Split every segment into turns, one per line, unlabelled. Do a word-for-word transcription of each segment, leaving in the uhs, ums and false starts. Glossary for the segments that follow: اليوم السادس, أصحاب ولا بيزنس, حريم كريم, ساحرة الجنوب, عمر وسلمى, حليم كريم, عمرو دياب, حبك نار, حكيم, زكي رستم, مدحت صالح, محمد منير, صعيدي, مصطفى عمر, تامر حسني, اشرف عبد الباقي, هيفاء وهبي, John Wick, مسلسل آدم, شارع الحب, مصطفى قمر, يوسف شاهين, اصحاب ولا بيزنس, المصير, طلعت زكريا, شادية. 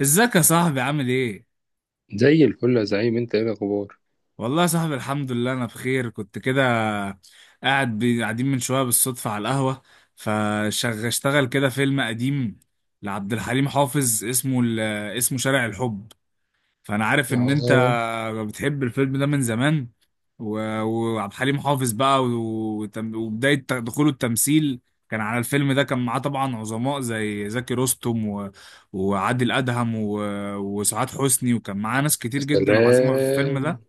ازيك يا صاحبي؟ عامل ايه؟
زي الفل يا زعيم، انت ايه الاخبار؟
والله يا صاحبي، الحمد لله انا بخير. كنت كده قاعد بي- قاعدين من شويه بالصدفه على القهوه، فاشتغل كده فيلم قديم لعبد الحليم حافظ، اسمه ال- اسمه شارع الحب. فانا عارف ان انت
اه.
بتحب الفيلم ده من زمان. و- وعبد الحليم حافظ بقى، و- وتم- وبداية ت- دخوله التمثيل كان على الفيلم ده. كان معاه طبعا عظماء زي زكي رستم، و... وعادل أدهم، و... وسعاد حسني، وكان معاه ناس
يا
كتير جدا عظيمة في الفيلم
سلام.
ده.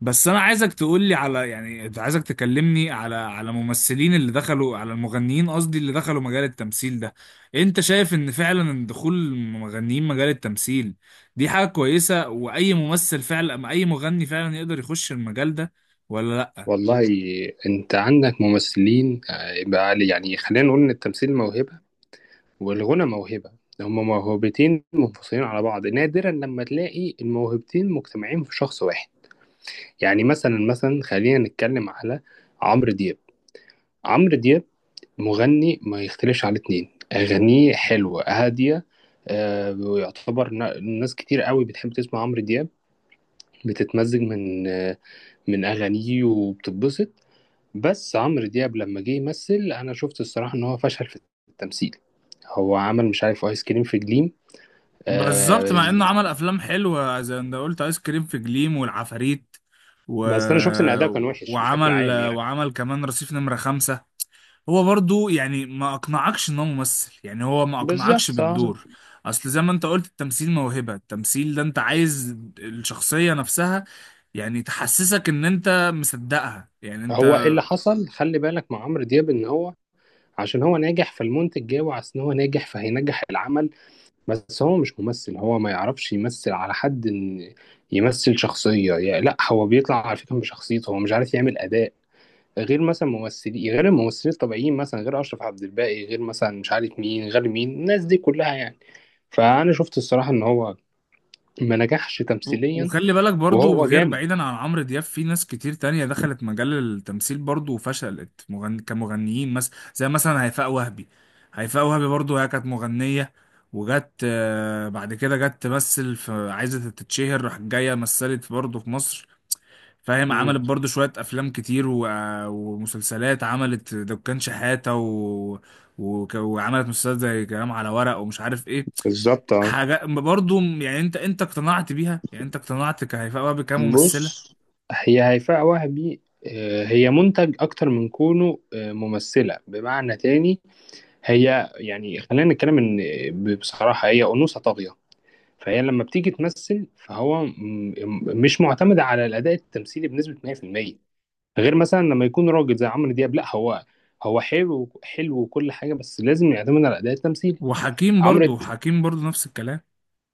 بس انا عايزك تقول لي على، يعني عايزك تكلمني على على ممثلين اللي دخلوا على المغنيين، قصدي اللي دخلوا مجال التمثيل ده. انت شايف ان فعلا دخول المغنيين مجال التمثيل دي حاجة كويسة، واي ممثل فعلا، أما اي مغني فعلا يقدر يخش المجال ده ولا لا؟
والله، انت عندك ممثلين. آه، يبقى علي يعني خلينا نقول ان التمثيل موهبه والغنى موهبه. هما موهبتين منفصلين على بعض، نادرا لما تلاقي الموهبتين مجتمعين في شخص واحد. يعني مثلا مثلا خلينا نتكلم على عمرو دياب. عمرو دياب مغني ما يختلفش على اتنين، اغانيه حلوه هاديه. آه، ويعتبر نا- ناس كتير قوي بتحب تسمع عمرو دياب، بتتمزج من من اغانيه وبتتبسط. بس عمرو دياب لما جه يمثل، انا شفت الصراحه ان هو فشل في التمثيل. هو عمل مش عارف ايس كريم في جليم.
بالظبط،
آه.
مع انه عمل افلام حلوة زي ما انت قلت، ايس كريم في جليم والعفاريت، و...
بس انا شفت ان اداؤه كان وحش بشكل
وعمل
عام يعني.
وعمل كمان رصيف نمرة خمسة. هو برضو يعني ما اقنعكش ان هو ممثل، يعني هو ما اقنعكش
بالظبط آه.
بالدور. اصل زي ما انت قلت، التمثيل موهبة. التمثيل ده انت عايز الشخصية نفسها يعني تحسسك ان انت مصدقها، يعني انت.
هو إيه اللي حصل، خلي بالك مع عمرو دياب، ان هو عشان هو ناجح فالمنتج جاي، وعشان هو ناجح فهينجح العمل. بس هو مش ممثل، هو ما يعرفش يمثل على حد ان يمثل شخصية. يعني لا، هو بيطلع على فكرة بشخصيته، هو مش عارف يعمل أداء غير مثلا ممثلين، غير الممثلين الطبيعيين، مثلا غير اشرف عبد الباقي، غير مثلا مش عارف مين، غير مين، الناس دي كلها يعني. فانا شفت الصراحه ان هو ما نجحش
و-
تمثيليا.
وخلي بالك برضو،
وهو
غير
جامد.
بعيدا عن عمرو دياب في ناس كتير تانية دخلت مجال التمثيل برضو وفشلت، مغن... كمغنيين مثلا، زي مثلا هيفاء وهبي. هيفاء وهبي برضو هي كانت مغنية وجت، آه، بعد كده جت تمثل في، عايزة تتشهر، راحت جاية مثلت برضو في مصر، فاهم، عملت
امم
برضو شوية أفلام كتير، و... ومسلسلات. عملت دكان شحاتة، و... وك... وعملت مسلسلات زي كلام على ورق ومش عارف إيه.
بالظبط اه.
حاجة برضو يعني، أنت أنت اقتنعت بيها؟ يعني أنت اقتنعت كهيفاء وهبي كممثلة؟
بص، هي هيفاء وهبي آه، هي منتج اكتر من كونه آه، ممثله بمعنى تاني. هي يعني خلينا نتكلم ان ب- بصراحه هي انوثه طاغيه. فهي لما بتيجي تمثل فهو م- م- مش معتمده على الاداء التمثيلي بنسبه مية في المية. غير مثلا لما يكون راجل زي عمرو دياب، لا هو، هو حلو حلو وكل حاجه، بس لازم يعتمد على اداء التمثيل.
وحكيم
عمرو
برضو،
د-
حكيم برضو نفس الكلام.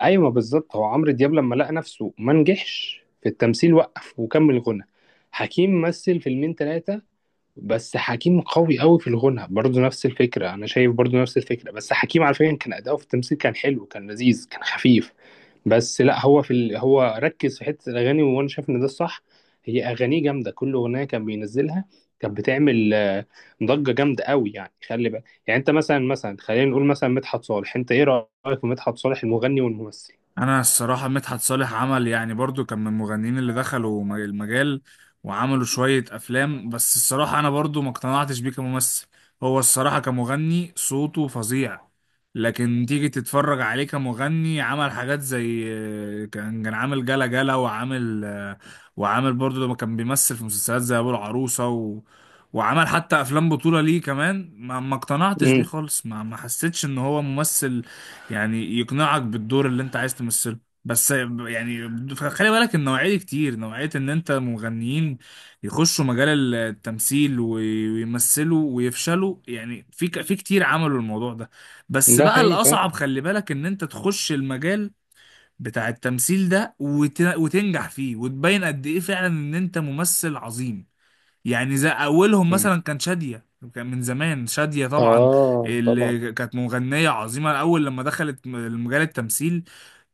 ايوه بالظبط. هو عمرو دياب لما لقى نفسه ما نجحش في التمثيل وقف وكمل غنى. حكيم مثل فيلمين ثلاثه، بس حكيم قوي قوي في الغنى، برضه نفس الفكرة. أنا شايف برضه نفس الفكرة، بس حكيم على فكرة كان أداؤه في التمثيل كان حلو، كان لذيذ، كان خفيف. بس لا هو في ال... هو ركز في حتة الأغاني، وأنا شايف إن ده الصح. هي أغانيه جامدة، كل أغنية كان بينزلها كانت بتعمل آه، ضجة جامدة قوي يعني. خلي بالك يعني أنت مثلا مثلا خلينا نقول مثلا مدحت صالح، أنت إيه رأيك في مدحت صالح المغني والممثل؟
انا الصراحه مدحت صالح عمل يعني برضو، كان من المغنيين اللي دخلوا م- المجال وعملوا شويه افلام، بس الصراحه انا برضو ما اقتنعتش بيه كممثل. هو الصراحه كمغني صوته فظيع، لكن تيجي تتفرج عليه كمغني عمل حاجات زي، كان كان عامل جلا جلا، وعامل وعامل برضو لما كان بيمثل في مسلسلات زي ابو العروسه، و... وعمل حتى افلام بطوله ليه كمان. ما ما اقتنعتش بيه
امم
خالص، ما ما حسيتش ان هو ممثل يعني يقنعك بالدور اللي انت عايز تمثله. بس يعني خلي بالك، النوعية دي كتير، نوعية ان انت مغنيين يخشوا مجال التمثيل وي- ويمثلوا ويفشلوا، يعني في ك- في كتير عملوا الموضوع ده. بس
ده
بقى
حقيقي.
الأصعب خلي بالك ان انت تخش المجال بتاع التمثيل ده وت- وتنجح فيه وتبين قد ايه فعلا ان انت ممثل عظيم. يعني زي اولهم مثلا كان شادية، كان من زمان شادية طبعا،
آه طبعا.
اللي كانت مغنية عظيمة الاول. لما دخلت مجال التمثيل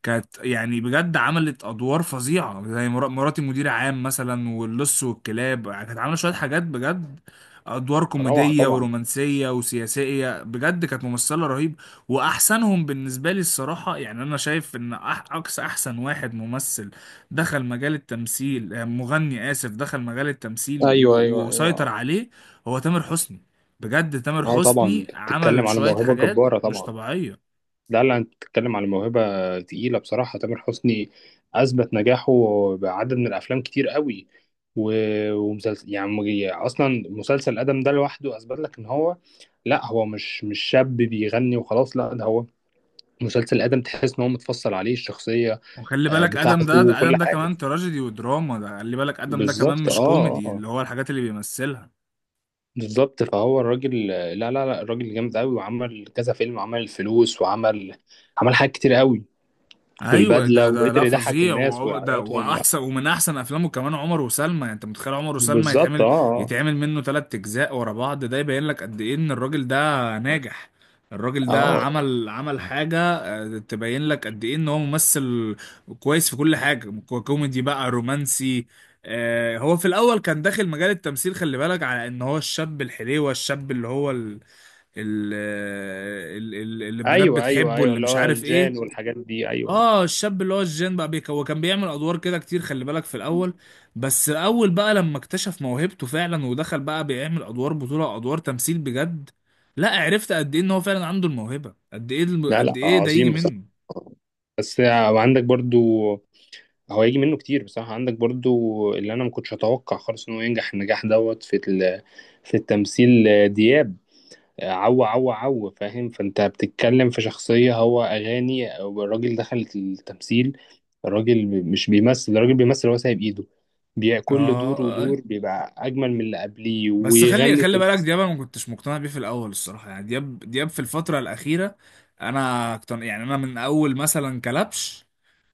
كانت يعني بجد عملت ادوار فظيعة زي مرا- مراتي مدير عام مثلا، واللص والكلاب. كانت عاملة شوية حاجات بجد، ادوار
روعة
كوميدية
طبعا.
ورومانسية وسياسية، بجد كانت ممثلة رهيب. واحسنهم بالنسبة لي الصراحة، يعني انا شايف ان أح- اقصى احسن واحد ممثل دخل مجال التمثيل، آه، مغني آسف، دخل مجال التمثيل و- وسيطر عليه هو تامر حسني. بجد تامر
اه طبعا،
حسني
انت بتتكلم
عمل
على
شوية
موهبة
حاجات
جبارة
مش
طبعا.
طبيعية.
لا لا، انت بتتكلم على موهبة تقيلة بصراحة. تامر حسني أثبت نجاحه بعدد من الأفلام كتير قوي، و... ومسلسل يعني، أصلا مسلسل آدم ده لوحده أثبت لك إن هو لا، هو مش مش شاب بيغني وخلاص، لا ده هو. مسلسل آدم تحس إن هو متفصل عليه الشخصية
وخلي
آه،
بالك آدم
بتاعته
ده،
وكل
آدم ده
حاجة.
كمان تراجيدي ودراما. ده خلي بالك آدم ده كمان
بالظبط اه
مش
اه
كوميدي
آه.
اللي هو الحاجات اللي بيمثلها.
بالظبط فهو الراجل، لا لا لا الراجل جامد قوي، وعمل كذا فيلم، عمل الفلوس، وعمل عمل حاجات كتير قوي.
ايوه،
والبدله،
ده ده
وقدر
لا
يضحك
فظيع،
الناس
وعو- ده
ويعيطهم، لا.
واحسن، ومن احسن افلامه كمان عمر وسلمى. يعني انت متخيل عمر وسلمى
بالظبط
يتعمل
اه
يتعمل منه ثلاث اجزاء ورا بعض؟ ده يبين لك قد ايه ان الراجل ده ناجح. الراجل
اه
ده
آه.
عمل عمل حاجة، آه، تبين لك قد ايه ان هو ممثل كويس في كل حاجة، كو- كوميدي بقى، رومانسي. آه، هو في الاول كان داخل مجال التمثيل، خلي بالك، على ان هو الشاب الحليوة، الشاب اللي هو ال- ال- آه، ال- اللي البنات
ايوه ايوه
بتحبه،
ايوه،
اللي
اللي
مش
هو
عارف
الجان
ايه.
والحاجات دي، ايوه.
اه، الشاب اللي هو الجين بقى بيك، هو كان بيعمل ادوار كده كتير خلي بالك في الاول. بس الاول بقى لما اكتشف موهبته فعلا ودخل بقى بيعمل ادوار بطولة، ادوار تمثيل بجد، لا عرفت قد ايه ان هو فعلا عنده الموهبة، قد ايه، الم-
لا
قد
لا،
ايه ده يجي
عظيم بصراحه.
منه.
بس عندك برضو، هو هيجي منه كتير بصراحه. عندك برضو اللي انا ما كنتش اتوقع خالص انه ينجح النجاح دوت في ال- في التمثيل، دياب. عو عو عو فاهم، فانت بتتكلم في شخصية، هو أغاني أو الراجل دخل التمثيل. الراجل بي- مش بيمثل، الراجل بيمثل هو سايب إيده. بي-
اه.
كل دور
آه.
ودور بيبقى أجمل من اللي قبليه،
بس خلي
ويغني في
خلي بالك
القصة.
دياب، انا ما كنتش مقتنع بيه في الاول الصراحة. يعني دياب، دياب في الفترة الاخيرة انا اقتنع، يعني انا من اول مثلا كلبش،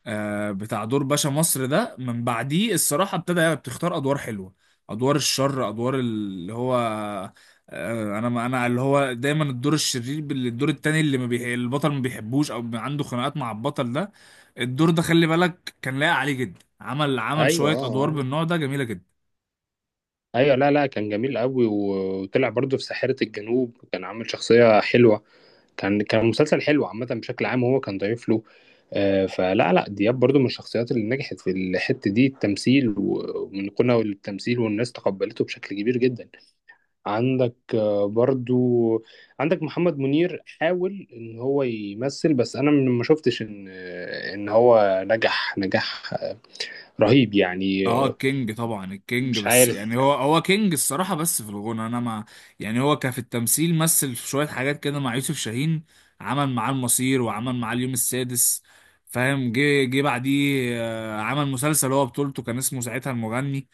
آه، بتاع دور باشا مصر ده. من بعديه الصراحة ابتدى بتختار أدوار حلوة، أدوار الشر، أدوار اللي هو، آه، أنا أنا اللي هو دايما الدور الشرير، بال- الدور التاني اللي ما بيح... البطل ما بيحبوش، أو عنده خناقات مع البطل ده. الدور ده خلي بالك كان لايق عليه جدا، عمل عمل
أيوه آه،
شوية أدوار
آه.
بالنوع ده جميلة جدا.
أيوه لا لا، كان جميل أوي، و- وطلع برضه في ساحرة الجنوب، كان عامل شخصية حلوة. كان كان مسلسل حلو عامة بشكل عام، وهو كان ضيف له. آه، فلا لا دياب برضو من الشخصيات اللي نجحت في الحتة دي، التمثيل و- ومن قناة للتمثيل، والناس تقبلته بشكل كبير جدا. عندك آه، برضو عندك محمد منير حاول ان هو يمثل، بس انا ما شفتش ان آه، ان هو نجح نجاح آه، رهيب يعني
اه،
آه،
كينج طبعا الكينج،
مش
بس
عارف.
يعني هو هو كينج الصراحة بس في الغنى. انا مع، يعني هو كان في التمثيل مثل في شوية حاجات كده مع يوسف شاهين، عمل معاه المصير وعمل معاه اليوم السادس، فاهم. جه جه بعديه، آه، عمل مسلسل هو بطولته كان اسمه ساعتها المغني.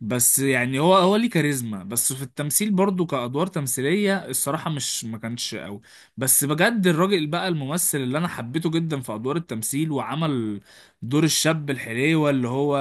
بس يعني هو هو ليه كاريزما، بس في التمثيل برضو كأدوار تمثيلية الصراحة مش، ما كانش قوي. بس بجد الراجل بقى الممثل اللي انا حبيته جدا في أدوار التمثيل، وعمل دور الشاب الحليوة اللي هو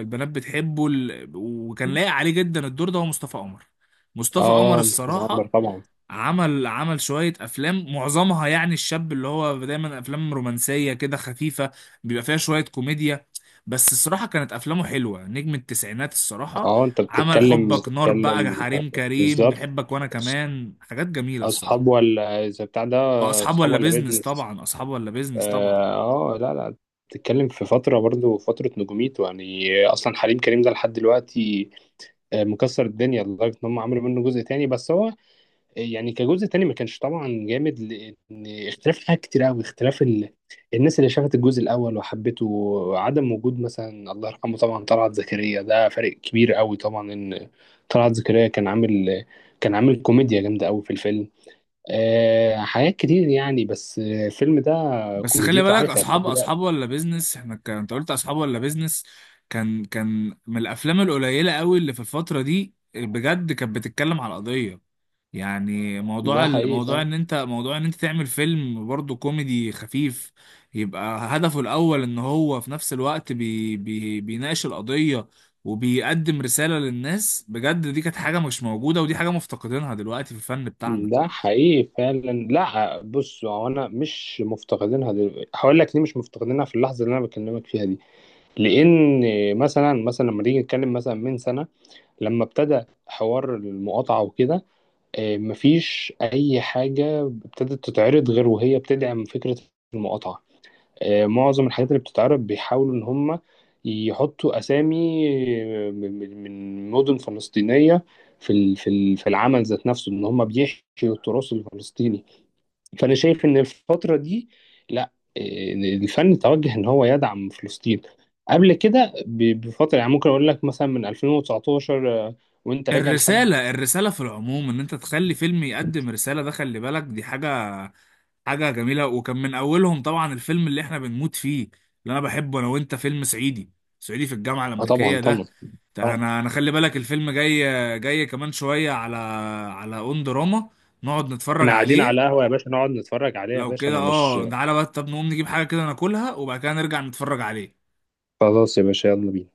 البنات بتحبه، ال- وكان لايق عليه جدا الدور ده، هو مصطفى قمر. مصطفى قمر
اه مصطفى عمر
الصراحة
طبعا.
عمل عمل شوية أفلام، معظمها يعني الشاب اللي هو دايما أفلام رومانسية كده خفيفة بيبقى فيها شوية كوميديا. بس الصراحة كانت أفلامه حلوة، نجم التسعينات الصراحة.
اه انت
عمل
بتتكلم
حبك نار بقى،
بتتكلم آه،
حريم كريم،
بالظبط.
بحبك وأنا كمان، حاجات جميلة
اصحاب
الصراحة.
ولا اذا بتاع ده،
وأصحاب
اصحاب
ولا
ولا
بيزنس
بيزنس.
طبعا، أصحاب ولا بيزنس طبعا
اه آه، لا لا، بتتكلم في فتره، برضو فتره نجوميته يعني. اصلا حليم كريم ده لحد دلوقتي آه، مكسر الدنيا، لدرجه ان هم عملوا منه جزء تاني. بس هو آه، يعني كجزء تاني ما كانش طبعا جامد، لان اختلاف حاجات كتير قوي، اختلاف ال... الناس اللي شافت الجزء الاول وحبته، وعدم وجود مثلا الله يرحمه طبعا طلعت زكريا، ده فارق كبير قوي طبعا. ان طلعت زكريا كان عامل، كان عامل كوميديا جامده قوي في الفيلم آه، حاجات كتير يعني. بس آه، الفيلم ده
بس خلي
كوميديته
بالك
عايشة لحد
أصحاب، أصحاب
دلوقتي.
ولا بيزنس إحنا كان أنت قلت أصحاب ولا بيزنس كان كان من الأفلام القليلة قوي اللي في الفترة دي بجد كانت بتتكلم على القضية. يعني موضوع
ده حقيقي
الموضوع
فعلا.
ان انت، موضوع ان انت تعمل فيلم برضه كوميدي خفيف، يبقى هدفه الاول ان هو في نفس الوقت بي بي بيناقش القضية وبيقدم رسالة للناس بجد. دي كانت حاجة مش موجودة، ودي حاجة مفتقدينها دلوقتي في الفن بتاعنا.
ده حقيقي فعلا. لا بص، هو انا مش مفتقدينها دلوقتي، هقول لك ليه مش مفتقدينها في اللحظه اللي انا بكلمك فيها دي. لان مثلا مثلا لما نيجي نتكلم مثلا من سنه لما ابتدى حوار المقاطعه وكده آه، مفيش اي حاجه ابتدت تتعرض غير وهي بتدعم فكره المقاطعه. آه، معظم الحاجات اللي بتتعرض بيحاولوا ان هم يحطوا اسامي آه، من من- من مدن فلسطينيه في ال- في ال- في العمل ذات نفسه، ان هم بيحشوا التراث الفلسطيني. فانا شايف ان الفتره دي، لا آه، الفن توجه ان هو يدعم فلسطين. قبل كده ب- بفتره يعني ممكن اقول لك مثلا من ألفين وتسعتاشر آه، وانت راجع لحد.
الرسالة، الرسالة في العموم ان انت تخلي فيلم يقدم رسالة، ده خلي بالك دي حاجة حاجة جميلة. وكان من أولهم طبعا الفيلم اللي إحنا بنموت فيه، اللي أنا بحبه أنا وأنت، فيلم صعيدي، صعيدي في الجامعة
اه طبعا
الأمريكية
طبعا
ده. ده
طبعا.
أنا أنا خلي بالك الفيلم جاي، جاي كمان شوية على على أون دراما، نقعد نتفرج
احنا قاعدين
عليه.
على قهوه يا باشا، نقعد نتفرج عليها يا
لو
باشا،
كده
انا مش.
أه، تعالى بقى طب نقوم نجيب حاجة كده ناكلها وبعد كده نرجع نتفرج عليه.
خلاص يا باشا، يلا بينا.